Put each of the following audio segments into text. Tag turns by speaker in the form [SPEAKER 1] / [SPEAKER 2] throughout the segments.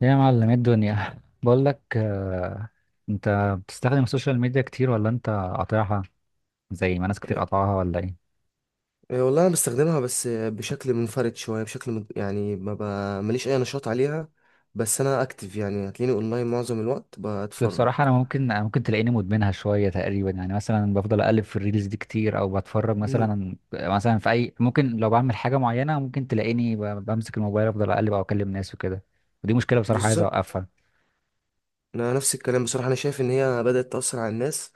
[SPEAKER 1] يا معلم إيه الدنيا بقول لك انت بتستخدم السوشيال ميديا كتير ولا انت قاطعها زي ما ناس كتير
[SPEAKER 2] آه،
[SPEAKER 1] قاطعها ولا ايه؟
[SPEAKER 2] والله انا بستخدمها، بس بشكل منفرد شويه. يعني ما ب... ماليش اي نشاط عليها. بس انا اكتف، يعني هتلاقيني اونلاين معظم الوقت
[SPEAKER 1] أصل
[SPEAKER 2] بتفرج.
[SPEAKER 1] بصراحة انا ممكن تلاقيني مدمنها شوية تقريبا، يعني مثلا بفضل اقلب في الريلز دي كتير، او بتفرج
[SPEAKER 2] امم.
[SPEAKER 1] مثلا في اي، ممكن لو بعمل حاجة معينة ممكن تلاقيني بمسك الموبايل افضل اقلب او اكلم ناس وكده. ودي مشكلة بصراحة، عايز
[SPEAKER 2] بالظبط.
[SPEAKER 1] اوقفها.
[SPEAKER 2] انا نفس الكلام بصراحه، انا شايف ان هي بدات تاثر على الناس،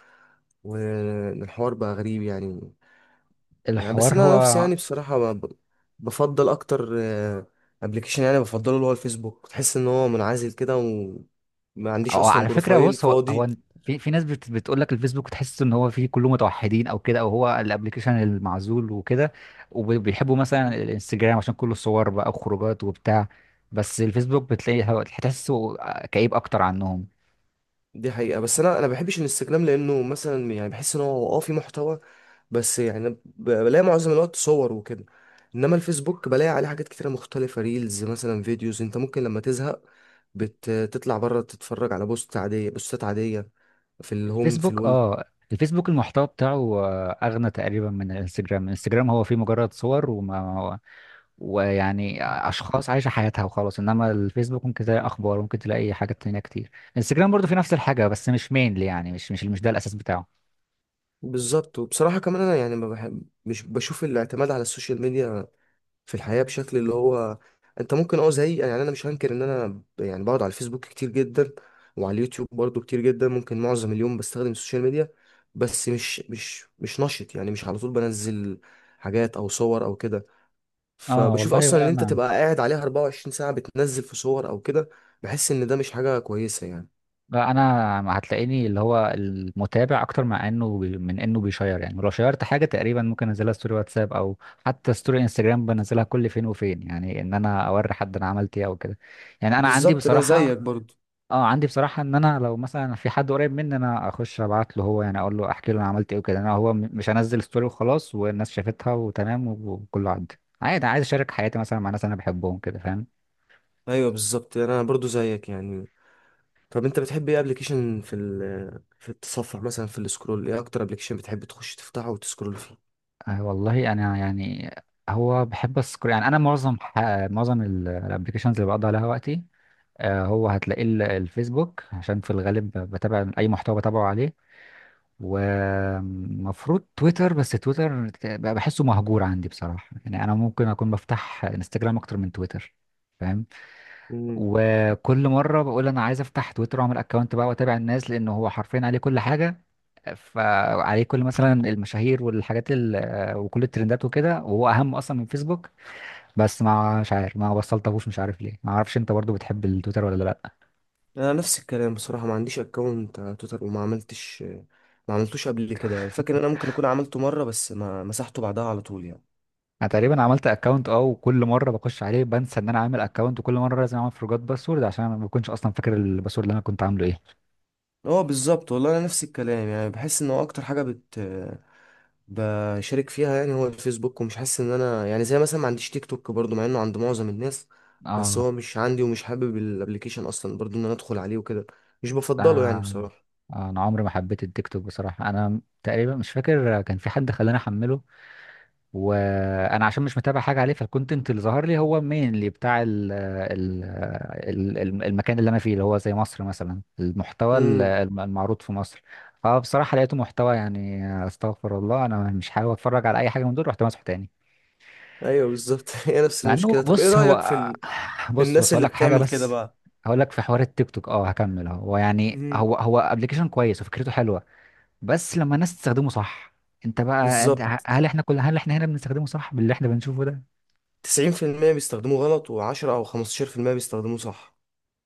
[SPEAKER 2] والحوار بقى غريب يعني. يعني بس
[SPEAKER 1] الحوار
[SPEAKER 2] انا نفسي
[SPEAKER 1] هو،
[SPEAKER 2] يعني بصراحه بفضل اكتر ابلكيشن، يعني بفضله اللي هو الفيسبوك. تحس ان هو منعزل كده، وما عنديش
[SPEAKER 1] أو
[SPEAKER 2] اصلا
[SPEAKER 1] على فكرة
[SPEAKER 2] بروفايل
[SPEAKER 1] بص، هو
[SPEAKER 2] فاضي.
[SPEAKER 1] هو في ناس بتقول لك الفيسبوك تحس ان هو فيه كله متوحدين او كده، او هو الابلكيشن المعزول وكده، وبيحبوا مثلا الانستجرام عشان كله صور بقى وخروجات وبتاع. بس الفيسبوك بتلاقي هتحسه كئيب اكتر عنهم.
[SPEAKER 2] دي حقيقة، بس انا بحبش الانستجرام، لانه مثلا يعني بحس ان هو في محتوى، بس يعني بلاقي معظم الوقت صور وكده. انما الفيسبوك بلاقي عليه حاجات كتيرة مختلفة، ريلز مثلا، فيديوز. انت ممكن لما تزهق بتطلع بره تتفرج على بوست عادية، بوستات عادية، في الهوم في
[SPEAKER 1] الفيسبوك،
[SPEAKER 2] الول.
[SPEAKER 1] الفيسبوك المحتوى بتاعه اغنى تقريبا من الانستجرام هو فيه مجرد صور، وما ويعني اشخاص عايشه حياتها وخلاص، انما الفيسبوك ممكن تلاقي اخبار، ممكن تلاقي حاجات تانية كتير. انستجرام برضو في نفس الحاجه، بس مش مينلي، يعني مش ده الاساس بتاعه.
[SPEAKER 2] بالظبط. وبصراحة كمان انا يعني ما بحب مش بشوف الاعتماد على السوشيال ميديا في الحياة بشكل اللي هو انت ممكن زي، يعني انا مش هنكر ان انا يعني بقعد على الفيسبوك كتير جدا، وعلى اليوتيوب برضو كتير جدا. ممكن معظم اليوم بستخدم السوشيال ميديا، بس مش نشط، يعني مش على طول بنزل حاجات او صور او كده.
[SPEAKER 1] اه
[SPEAKER 2] فبشوف
[SPEAKER 1] والله،
[SPEAKER 2] اصلا ان
[SPEAKER 1] ولا
[SPEAKER 2] انت
[SPEAKER 1] انا
[SPEAKER 2] تبقى قاعد عليها 24 ساعة بتنزل في صور او كده، بحس ان ده مش حاجة كويسة يعني.
[SPEAKER 1] لا، انا هتلاقيني اللي هو المتابع اكتر، مع انه من انه بيشير، يعني لو شيرت حاجه تقريبا ممكن انزلها ستوري واتساب، او حتى ستوري انستجرام بنزلها كل فين وفين، يعني ان انا اوري حد انا عملت ايه او كده. يعني انا عندي
[SPEAKER 2] بالظبط، انا
[SPEAKER 1] بصراحه
[SPEAKER 2] زيك برضو.
[SPEAKER 1] اه عندي بصراحة ان انا لو مثلا في حد قريب مني انا اخش ابعت له، هو يعني اقول له، احكي له انا عملت ايه وكده، انا هو مش هنزل ستوري وخلاص والناس شافتها وتمام وكله عدى عادي. عايز اشارك حياتي مثلا مع ناس انا بحبهم كده، فاهم.
[SPEAKER 2] ايوه بالظبط، انا برضو زيك يعني. طب انت بتحب ايه ابلكيشن في في التصفح، مثلا في السكرول، ايه اكتر ابلكيشن بتحب تخش تفتحه وتسكرول فيه؟
[SPEAKER 1] آه والله انا يعني، هو بحب السكر، يعني انا معظم معظم الابلكيشنز اللي بقضي عليها وقتي هو هتلاقيه الفيسبوك، عشان في الغالب بتابع اي محتوى بتابعه عليه. ومفروض تويتر، بس تويتر بقى بحسه مهجور عندي بصراحة، يعني أنا ممكن أكون بفتح انستجرام أكتر من تويتر، فاهم.
[SPEAKER 2] امم.
[SPEAKER 1] وكل مرة بقول أنا عايز أفتح تويتر وأعمل أكونت بقى وأتابع الناس، لأن هو حرفيا عليه كل حاجة. فعليه كل مثلا المشاهير والحاجات وكل الترندات وكده، وهو أهم أصلا من فيسبوك. بس ما مش عارف، ما وصلتهوش، مش عارف ليه، ما أعرفش. أنت برضو بتحب التويتر ولا لأ؟
[SPEAKER 2] انا نفس الكلام بصراحه، ما عنديش اكونت على تويتر، وما عملتش ما عملتوش قبل كده يعني. فاكر ان انا ممكن اكون عملته مره بس ما مسحته بعدها على طول يعني.
[SPEAKER 1] انا تقريبا عملت اكونت وكل مره بخش عليه بنسى ان انا عامل اكونت، وكل مره لازم اعمل فورجوت باسورد، عشان انا ما بكونش اصلا فاكر الباسورد اللي انا كنت عامله ايه.
[SPEAKER 2] هو بالظبط، والله انا نفس الكلام، يعني بحس ان هو اكتر حاجه بشارك فيها يعني هو الفيسبوك. ومش حاسس ان انا يعني، زي مثلا ما عنديش تيك توك برضو مع انه عند معظم الناس، بس
[SPEAKER 1] اه
[SPEAKER 2] هو مش عندي، ومش حابب الابليكيشن اصلا برضو ان انا ادخل عليه وكده. مش بفضله يعني
[SPEAKER 1] آه،
[SPEAKER 2] بصراحة.
[SPEAKER 1] انا عمري ما حبيت التيك توك بصراحه، انا تقريبا مش فاكر كان في حد خلاني احمله، وانا عشان مش متابع حاجه عليه، فالكونتنت اللي ظهر لي هو مين بتاع المكان اللي انا فيه اللي هو زي مصر مثلا، المحتوى
[SPEAKER 2] امم.
[SPEAKER 1] المعروض في مصر. فبصراحه لقيته محتوى يعني استغفر الله، انا مش حابب اتفرج على اي حاجه من دول، رحت مسحه تاني.
[SPEAKER 2] ايوه بالظبط. هي نفس
[SPEAKER 1] مع انه
[SPEAKER 2] المشكلة. طب ايه
[SPEAKER 1] بص هو
[SPEAKER 2] رأيك في في
[SPEAKER 1] بص
[SPEAKER 2] الناس
[SPEAKER 1] بص هقول
[SPEAKER 2] اللي
[SPEAKER 1] لك حاجه
[SPEAKER 2] بتعمل كده
[SPEAKER 1] بس.
[SPEAKER 2] بقى؟
[SPEAKER 1] هقول لك في حوار التيك توك، هكمل اهو. هو يعني،
[SPEAKER 2] مهم.
[SPEAKER 1] هو ابلكيشن كويس وفكرته حلوه، بس لما الناس تستخدمه صح. انت بقى،
[SPEAKER 2] بالظبط.
[SPEAKER 1] هل احنا هنا بنستخدمه صح باللي احنا بنشوفه ده؟
[SPEAKER 2] 90% بيستخدموه غلط، و10 او 15% بيستخدموه صح.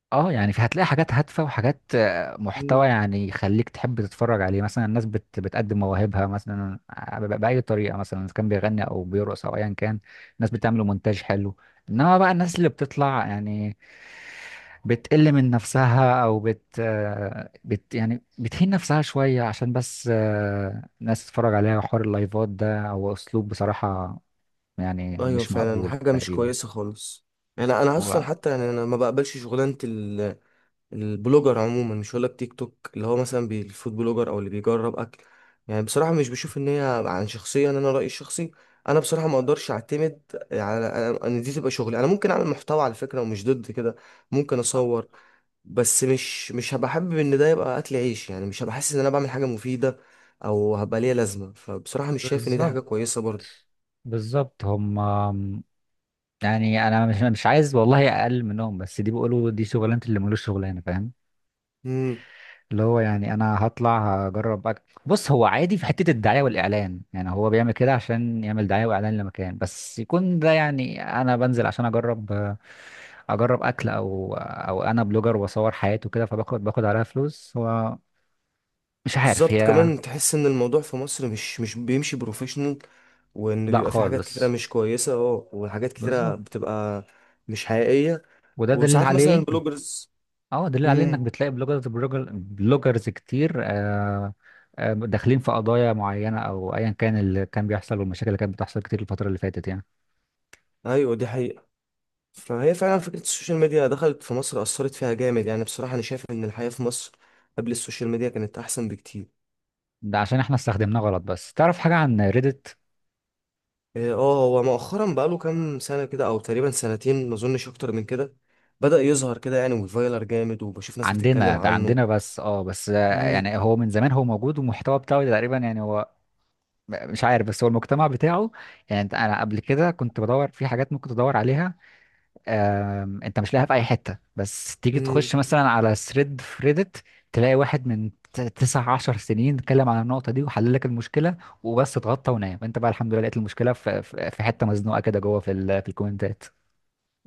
[SPEAKER 1] اه يعني في، هتلاقي حاجات هادفة وحاجات محتوى
[SPEAKER 2] مهم.
[SPEAKER 1] يعني يخليك تحب تتفرج عليه، مثلا الناس بتقدم مواهبها مثلا بأي طريقة، مثلا إذا كان بيغني أو بيرقص أو أيا كان، الناس بتعمل مونتاج حلو. إنما بقى الناس اللي بتطلع يعني بتقل من نفسها، أو بت, آه، بت يعني بتهين نفسها شوية عشان بس الناس تتفرج عليها، وحوار اللايفات ده، هو أسلوب بصراحة يعني
[SPEAKER 2] ايوه
[SPEAKER 1] مش
[SPEAKER 2] فعلا،
[SPEAKER 1] مقبول
[SPEAKER 2] حاجة مش
[SPEAKER 1] تقريبا.
[SPEAKER 2] كويسة خالص. يعني انا اصلا
[SPEAKER 1] هو
[SPEAKER 2] حتى يعني انا ما بقبلش شغلانة البلوجر عموما، مش هقولك تيك توك اللي هو مثلا الفود بلوجر او اللي بيجرب اكل. يعني بصراحه مش بشوف ان هي عن شخصيا، انا رايي الشخصي، انا بصراحه ما اقدرش اعتمد على ان دي تبقى شغلي. انا ممكن اعمل محتوى على فكره، ومش ضد كده. ممكن
[SPEAKER 1] آه،
[SPEAKER 2] اصور، بس مش هبقى حابب ان ده يبقى اكل عيش، يعني مش هبقى حاسس ان انا بعمل حاجه مفيده او هبقى ليها لازمه، فبصراحه مش شايف ان دي حاجه
[SPEAKER 1] بالظبط،
[SPEAKER 2] كويسه.
[SPEAKER 1] بالظبط. هم، يعني انا مش عايز والله اقل منهم، بس دي بيقولوا دي شغلانه، اللي ملوش شغلانه، فاهم.
[SPEAKER 2] برضه.
[SPEAKER 1] اللي هو يعني انا هطلع هجرب بص هو عادي في حته الدعايه والاعلان، يعني هو بيعمل كده عشان يعمل دعايه واعلان لمكان، بس يكون ده يعني انا بنزل عشان اجرب اكل، او انا بلوجر واصور حياتي وكده، فباخد عليها فلوس. هو مش عارف
[SPEAKER 2] بالظبط
[SPEAKER 1] هي،
[SPEAKER 2] كمان تحس ان الموضوع في مصر مش بيمشي بروفيشنال، وان
[SPEAKER 1] لا
[SPEAKER 2] بيبقى في حاجات كتيره
[SPEAKER 1] خالص،
[SPEAKER 2] مش كويسه، وحاجات كتيره
[SPEAKER 1] بالظبط.
[SPEAKER 2] بتبقى مش حقيقيه.
[SPEAKER 1] وده دليل
[SPEAKER 2] وساعات مثلا
[SPEAKER 1] عليه،
[SPEAKER 2] البلوجرز.
[SPEAKER 1] اه دليل عليه، انك
[SPEAKER 2] امم.
[SPEAKER 1] بتلاقي بلوجرز، بلوجر بلوجرز كتير داخلين في قضايا معينة او ايا كان اللي كان بيحصل، والمشاكل اللي كانت بتحصل كتير الفترة اللي فاتت يعني.
[SPEAKER 2] ايوه دي حقيقه. فهي فعلا فكره السوشيال ميديا دخلت في مصر، اثرت فيها جامد يعني. بصراحه انا شايف ان الحياه في مصر قبل السوشيال ميديا كانت احسن بكتير.
[SPEAKER 1] ده عشان احنا استخدمناه غلط. بس تعرف حاجة عن ريدت؟
[SPEAKER 2] اه، هو مؤخرا بقاله كام سنه كده، او تقريبا سنتين ما اظنش اكتر من كده، بدأ يظهر كده يعني، وفايلر جامد، وبشوف ناس بتتكلم
[SPEAKER 1] عندنا، ده
[SPEAKER 2] عنه.
[SPEAKER 1] عندنا بس اه بس آه، يعني هو من زمان هو موجود، والمحتوى بتاعه تقريبا يعني هو مش عارف، بس هو المجتمع بتاعه يعني، انا قبل كده كنت بدور في حاجات ممكن تدور عليها، انت مش لاقيها في اي حته. بس تيجي
[SPEAKER 2] امم.
[SPEAKER 1] تخش مثلا على ثريد في ريدت تلاقي واحد من تسع عشر سنين اتكلم عن النقطه دي وحل لك المشكله، وبس اتغطى ونام، انت بقى الحمد لله لقيت المشكله في في حته مزنوقه كده جوه في الكومنتات.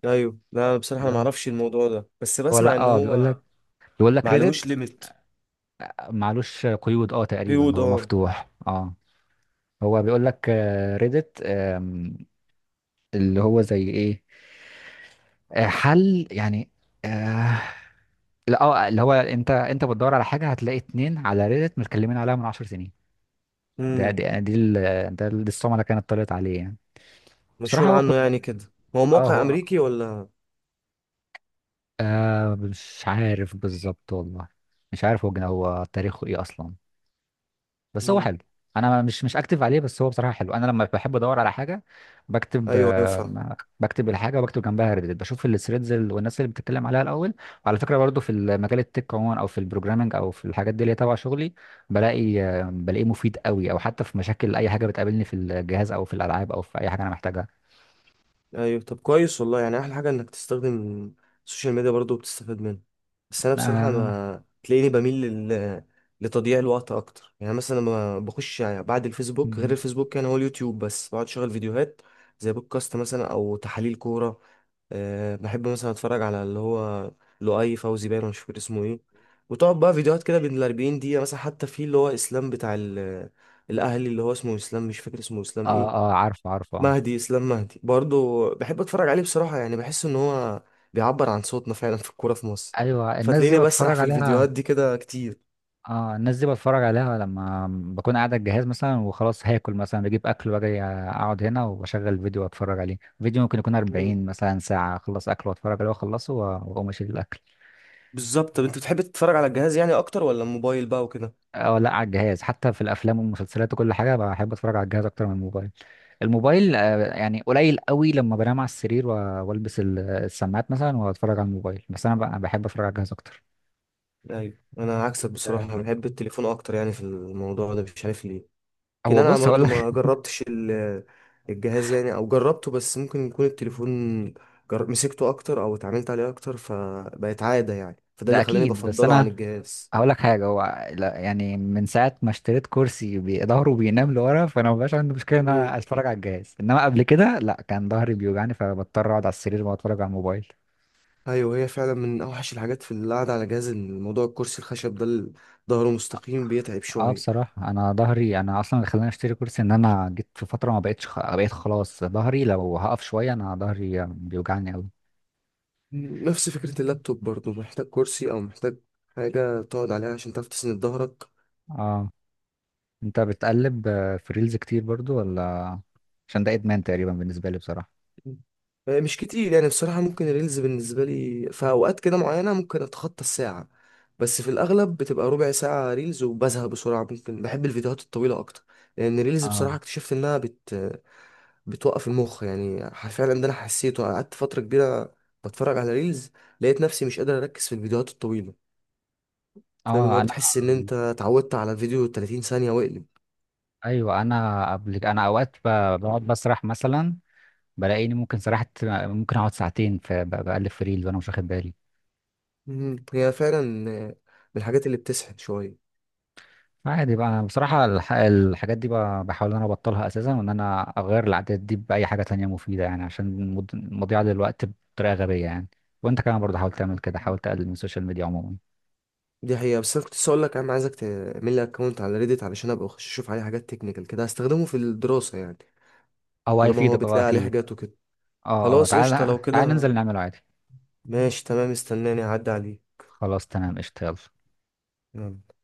[SPEAKER 2] ايوه لا، بصراحه انا ما
[SPEAKER 1] لا،
[SPEAKER 2] اعرفش الموضوع ده، بس
[SPEAKER 1] هو
[SPEAKER 2] بسمع
[SPEAKER 1] لا
[SPEAKER 2] ان
[SPEAKER 1] اه بيقول لك،
[SPEAKER 2] هو ما عليهوش
[SPEAKER 1] ريدت
[SPEAKER 2] ليميت.
[SPEAKER 1] معلوش قيود، اه تقريبا
[SPEAKER 2] بيقول
[SPEAKER 1] هو
[SPEAKER 2] اه.
[SPEAKER 1] مفتوح، اه. هو بيقول لك ريدت اللي هو زي ايه، حل يعني، آه، لا اه اللي هو انت بتدور على حاجه هتلاقي اتنين على ريدت متكلمين عليها من 10 سنين. ده
[SPEAKER 2] امم.
[SPEAKER 1] دي، دي ال- ده دي الصومعه اللي كانت طلعت عليه يعني. بصراحه
[SPEAKER 2] مشهور
[SPEAKER 1] هو
[SPEAKER 2] عنه
[SPEAKER 1] كان،
[SPEAKER 2] يعني كده، هو
[SPEAKER 1] اه
[SPEAKER 2] موقع
[SPEAKER 1] هو،
[SPEAKER 2] امريكي ولا؟
[SPEAKER 1] مش عارف بالظبط والله، مش عارف هو هو تاريخه ايه اصلا، بس هو
[SPEAKER 2] امم.
[SPEAKER 1] حلو. انا مش اكتب عليه، بس هو بصراحه حلو. انا لما بحب ادور على حاجه بكتب،
[SPEAKER 2] ايوه ايوه فاهم.
[SPEAKER 1] بكتب الحاجه وبكتب جنبها ريديت، بشوف الثريدز والناس اللي بتتكلم عليها الاول. وعلى فكره برضو في المجال التك عموما، او في البروجرامنج، او في الحاجات دي اللي هي تبع شغلي، بلاقيه مفيد قوي، او حتى في مشاكل اي حاجه بتقابلني في الجهاز او في الالعاب او في اي حاجه انا محتاجها.
[SPEAKER 2] ايوه طب كويس والله، يعني احلى حاجه انك تستخدم السوشيال ميديا برضو بتستفاد منه. بس انا بصراحه
[SPEAKER 1] اه،
[SPEAKER 2] ما تلاقيني بميل لتضييع الوقت اكتر. يعني مثلا لما بخش يعني بعد الفيسبوك، غير الفيسبوك يعني هو اليوتيوب، بس بقعد اشغل فيديوهات زي بودكاست مثلا، او تحاليل كوره. أه بحب مثلا اتفرج على اللي هو لؤي فوزي باين، ولا مش فاكر اسمه ايه، وتقعد بقى فيديوهات كده بين ال 40 دقيقة مثلا. حتى في اللي هو اسلام بتاع الاهلي، اللي هو اسمه اسلام، مش فاكر اسمه اسلام
[SPEAKER 1] اه،
[SPEAKER 2] ايه،
[SPEAKER 1] آه، عارفه عارفه آه.
[SPEAKER 2] مهدي، اسلام مهدي، برضو بحب اتفرج عليه بصراحة. يعني بحس ان هو بيعبر عن صوتنا فعلا في الكورة في مصر،
[SPEAKER 1] ايوه، الناس دي
[SPEAKER 2] فتلاقيني بسرح
[SPEAKER 1] بتفرج
[SPEAKER 2] في
[SPEAKER 1] عليها.
[SPEAKER 2] الفيديوهات دي كده كتير.
[SPEAKER 1] اه، الناس دي بتفرج عليها لما بكون قاعد على الجهاز مثلا وخلاص هاكل، مثلا بجيب اكل واجي اقعد هنا واشغل فيديو واتفرج عليه، فيديو ممكن يكون
[SPEAKER 2] مم.
[SPEAKER 1] 40 مثلا ساعة اخلص اكل واتفرج عليه واخلصه واقوم اشيل الاكل.
[SPEAKER 2] بالظبط. طب انت بتحب تتفرج على الجهاز يعني اكتر ولا الموبايل بقى وكده؟
[SPEAKER 1] اه، لا على الجهاز، حتى في الافلام والمسلسلات وكل حاجة بحب اتفرج على الجهاز اكتر من الموبايل. الموبايل يعني قليل قوي، لما بنام على السرير والبس السماعات مثلا واتفرج على الموبايل، بس انا بحب اتفرج على الجهاز اكتر.
[SPEAKER 2] ايوه انا عكسك
[SPEAKER 1] ده-
[SPEAKER 2] بصراحة، بحب التليفون اكتر يعني في الموضوع ده، مش عارف ليه. لكن
[SPEAKER 1] هو
[SPEAKER 2] انا
[SPEAKER 1] بص هقول
[SPEAKER 2] برضه
[SPEAKER 1] لك
[SPEAKER 2] ما جربتش الجهاز يعني، او جربته، بس ممكن يكون التليفون مسكته اكتر او اتعاملت عليه اكتر فبقت عادة يعني، فده
[SPEAKER 1] ده
[SPEAKER 2] اللي خلاني
[SPEAKER 1] اكيد. بس
[SPEAKER 2] بفضله عن
[SPEAKER 1] انا
[SPEAKER 2] الجهاز.
[SPEAKER 1] هقول لك حاجه، هو يعني من ساعه ما اشتريت كرسي ظهره بينام لورا، فانا مبقاش عندي مشكله ان
[SPEAKER 2] مم.
[SPEAKER 1] انا اتفرج على الجهاز، انما قبل كده لا، كان ظهري بيوجعني فبضطر اقعد على السرير واتفرج على الموبايل.
[SPEAKER 2] ايوه هي فعلا من اوحش الحاجات في القعده على جهاز، الموضوع الكرسي الخشب ده اللي ظهره مستقيم بيتعب
[SPEAKER 1] اه
[SPEAKER 2] شويه.
[SPEAKER 1] بصراحه انا ظهري، انا اصلا اللي خلاني اشتري كرسي ان انا جيت في فتره ما بقتش بقيت خلاص ظهري لو هقف شويه انا ظهري بيوجعني قوي.
[SPEAKER 2] مم. نفس فكره اللابتوب برضه، محتاج كرسي او محتاج حاجه تقعد عليها عشان تعرف تسند ظهرك.
[SPEAKER 1] اه. انت بتقلب في ريلز كتير برضو ولا؟ عشان ده ادمان تقريبا بالنسبه لي بصراحه.
[SPEAKER 2] مش كتير يعني بصراحة. ممكن الريلز بالنسبة لي في أوقات كده معينة ممكن أتخطى الساعة، بس في الأغلب بتبقى ربع ساعة ريلز وبزهق بسرعة. ممكن بحب الفيديوهات الطويلة أكتر، لأن الريلز
[SPEAKER 1] اه،
[SPEAKER 2] بصراحة اكتشفت إنها بتوقف المخ. يعني فعلا ده أنا حسيته، قعدت فترة كبيرة بتفرج على ريلز، لقيت نفسي مش قادر أركز في الفيديوهات الطويلة. فاهم اللي
[SPEAKER 1] اه.
[SPEAKER 2] هو بتحس إن أنت اتعودت على فيديو 30 ثانية واقلب.
[SPEAKER 1] انا قبل انا اوقات بقعد بسرح مثلا، بلاقيني ممكن سرحت، ممكن اقعد ساعتين بقلب في ريل وانا مش واخد بالي.
[SPEAKER 2] مم. هي فعلا من الحاجات اللي بتسحب شوية.
[SPEAKER 1] عادي بقى. انا بصراحه الحاجات دي بحاول ان انا ابطلها اساسا، وان انا اغير العادات دي باي حاجه تانية مفيده، يعني عشان مضيعه للوقت بطريقه غبيه يعني. وانت كمان برضه حاول تعمل كده، حاول تقلل من السوشيال ميديا عموما.
[SPEAKER 2] دي حقيقة، بس انا كنت لسه اقول لك انا عايزك تعمل لي اكونت على ريديت علشان ابقى اخش اشوف عليه حاجات تكنيكال كده، هستخدمه في الدراسة يعني.
[SPEAKER 1] او
[SPEAKER 2] طالما هو
[SPEAKER 1] هيفيدك اه
[SPEAKER 2] بتلاقي عليه
[SPEAKER 1] اكيد.
[SPEAKER 2] حاجات وكده،
[SPEAKER 1] اه
[SPEAKER 2] خلاص قشطة
[SPEAKER 1] تعالى
[SPEAKER 2] لو
[SPEAKER 1] تعالى
[SPEAKER 2] كده.
[SPEAKER 1] ننزل نعمله عادي.
[SPEAKER 2] ماشي تمام، استناني اعدي عليه.
[SPEAKER 1] خلاص تمام قشطه، يلا.
[SPEAKER 2] يلا.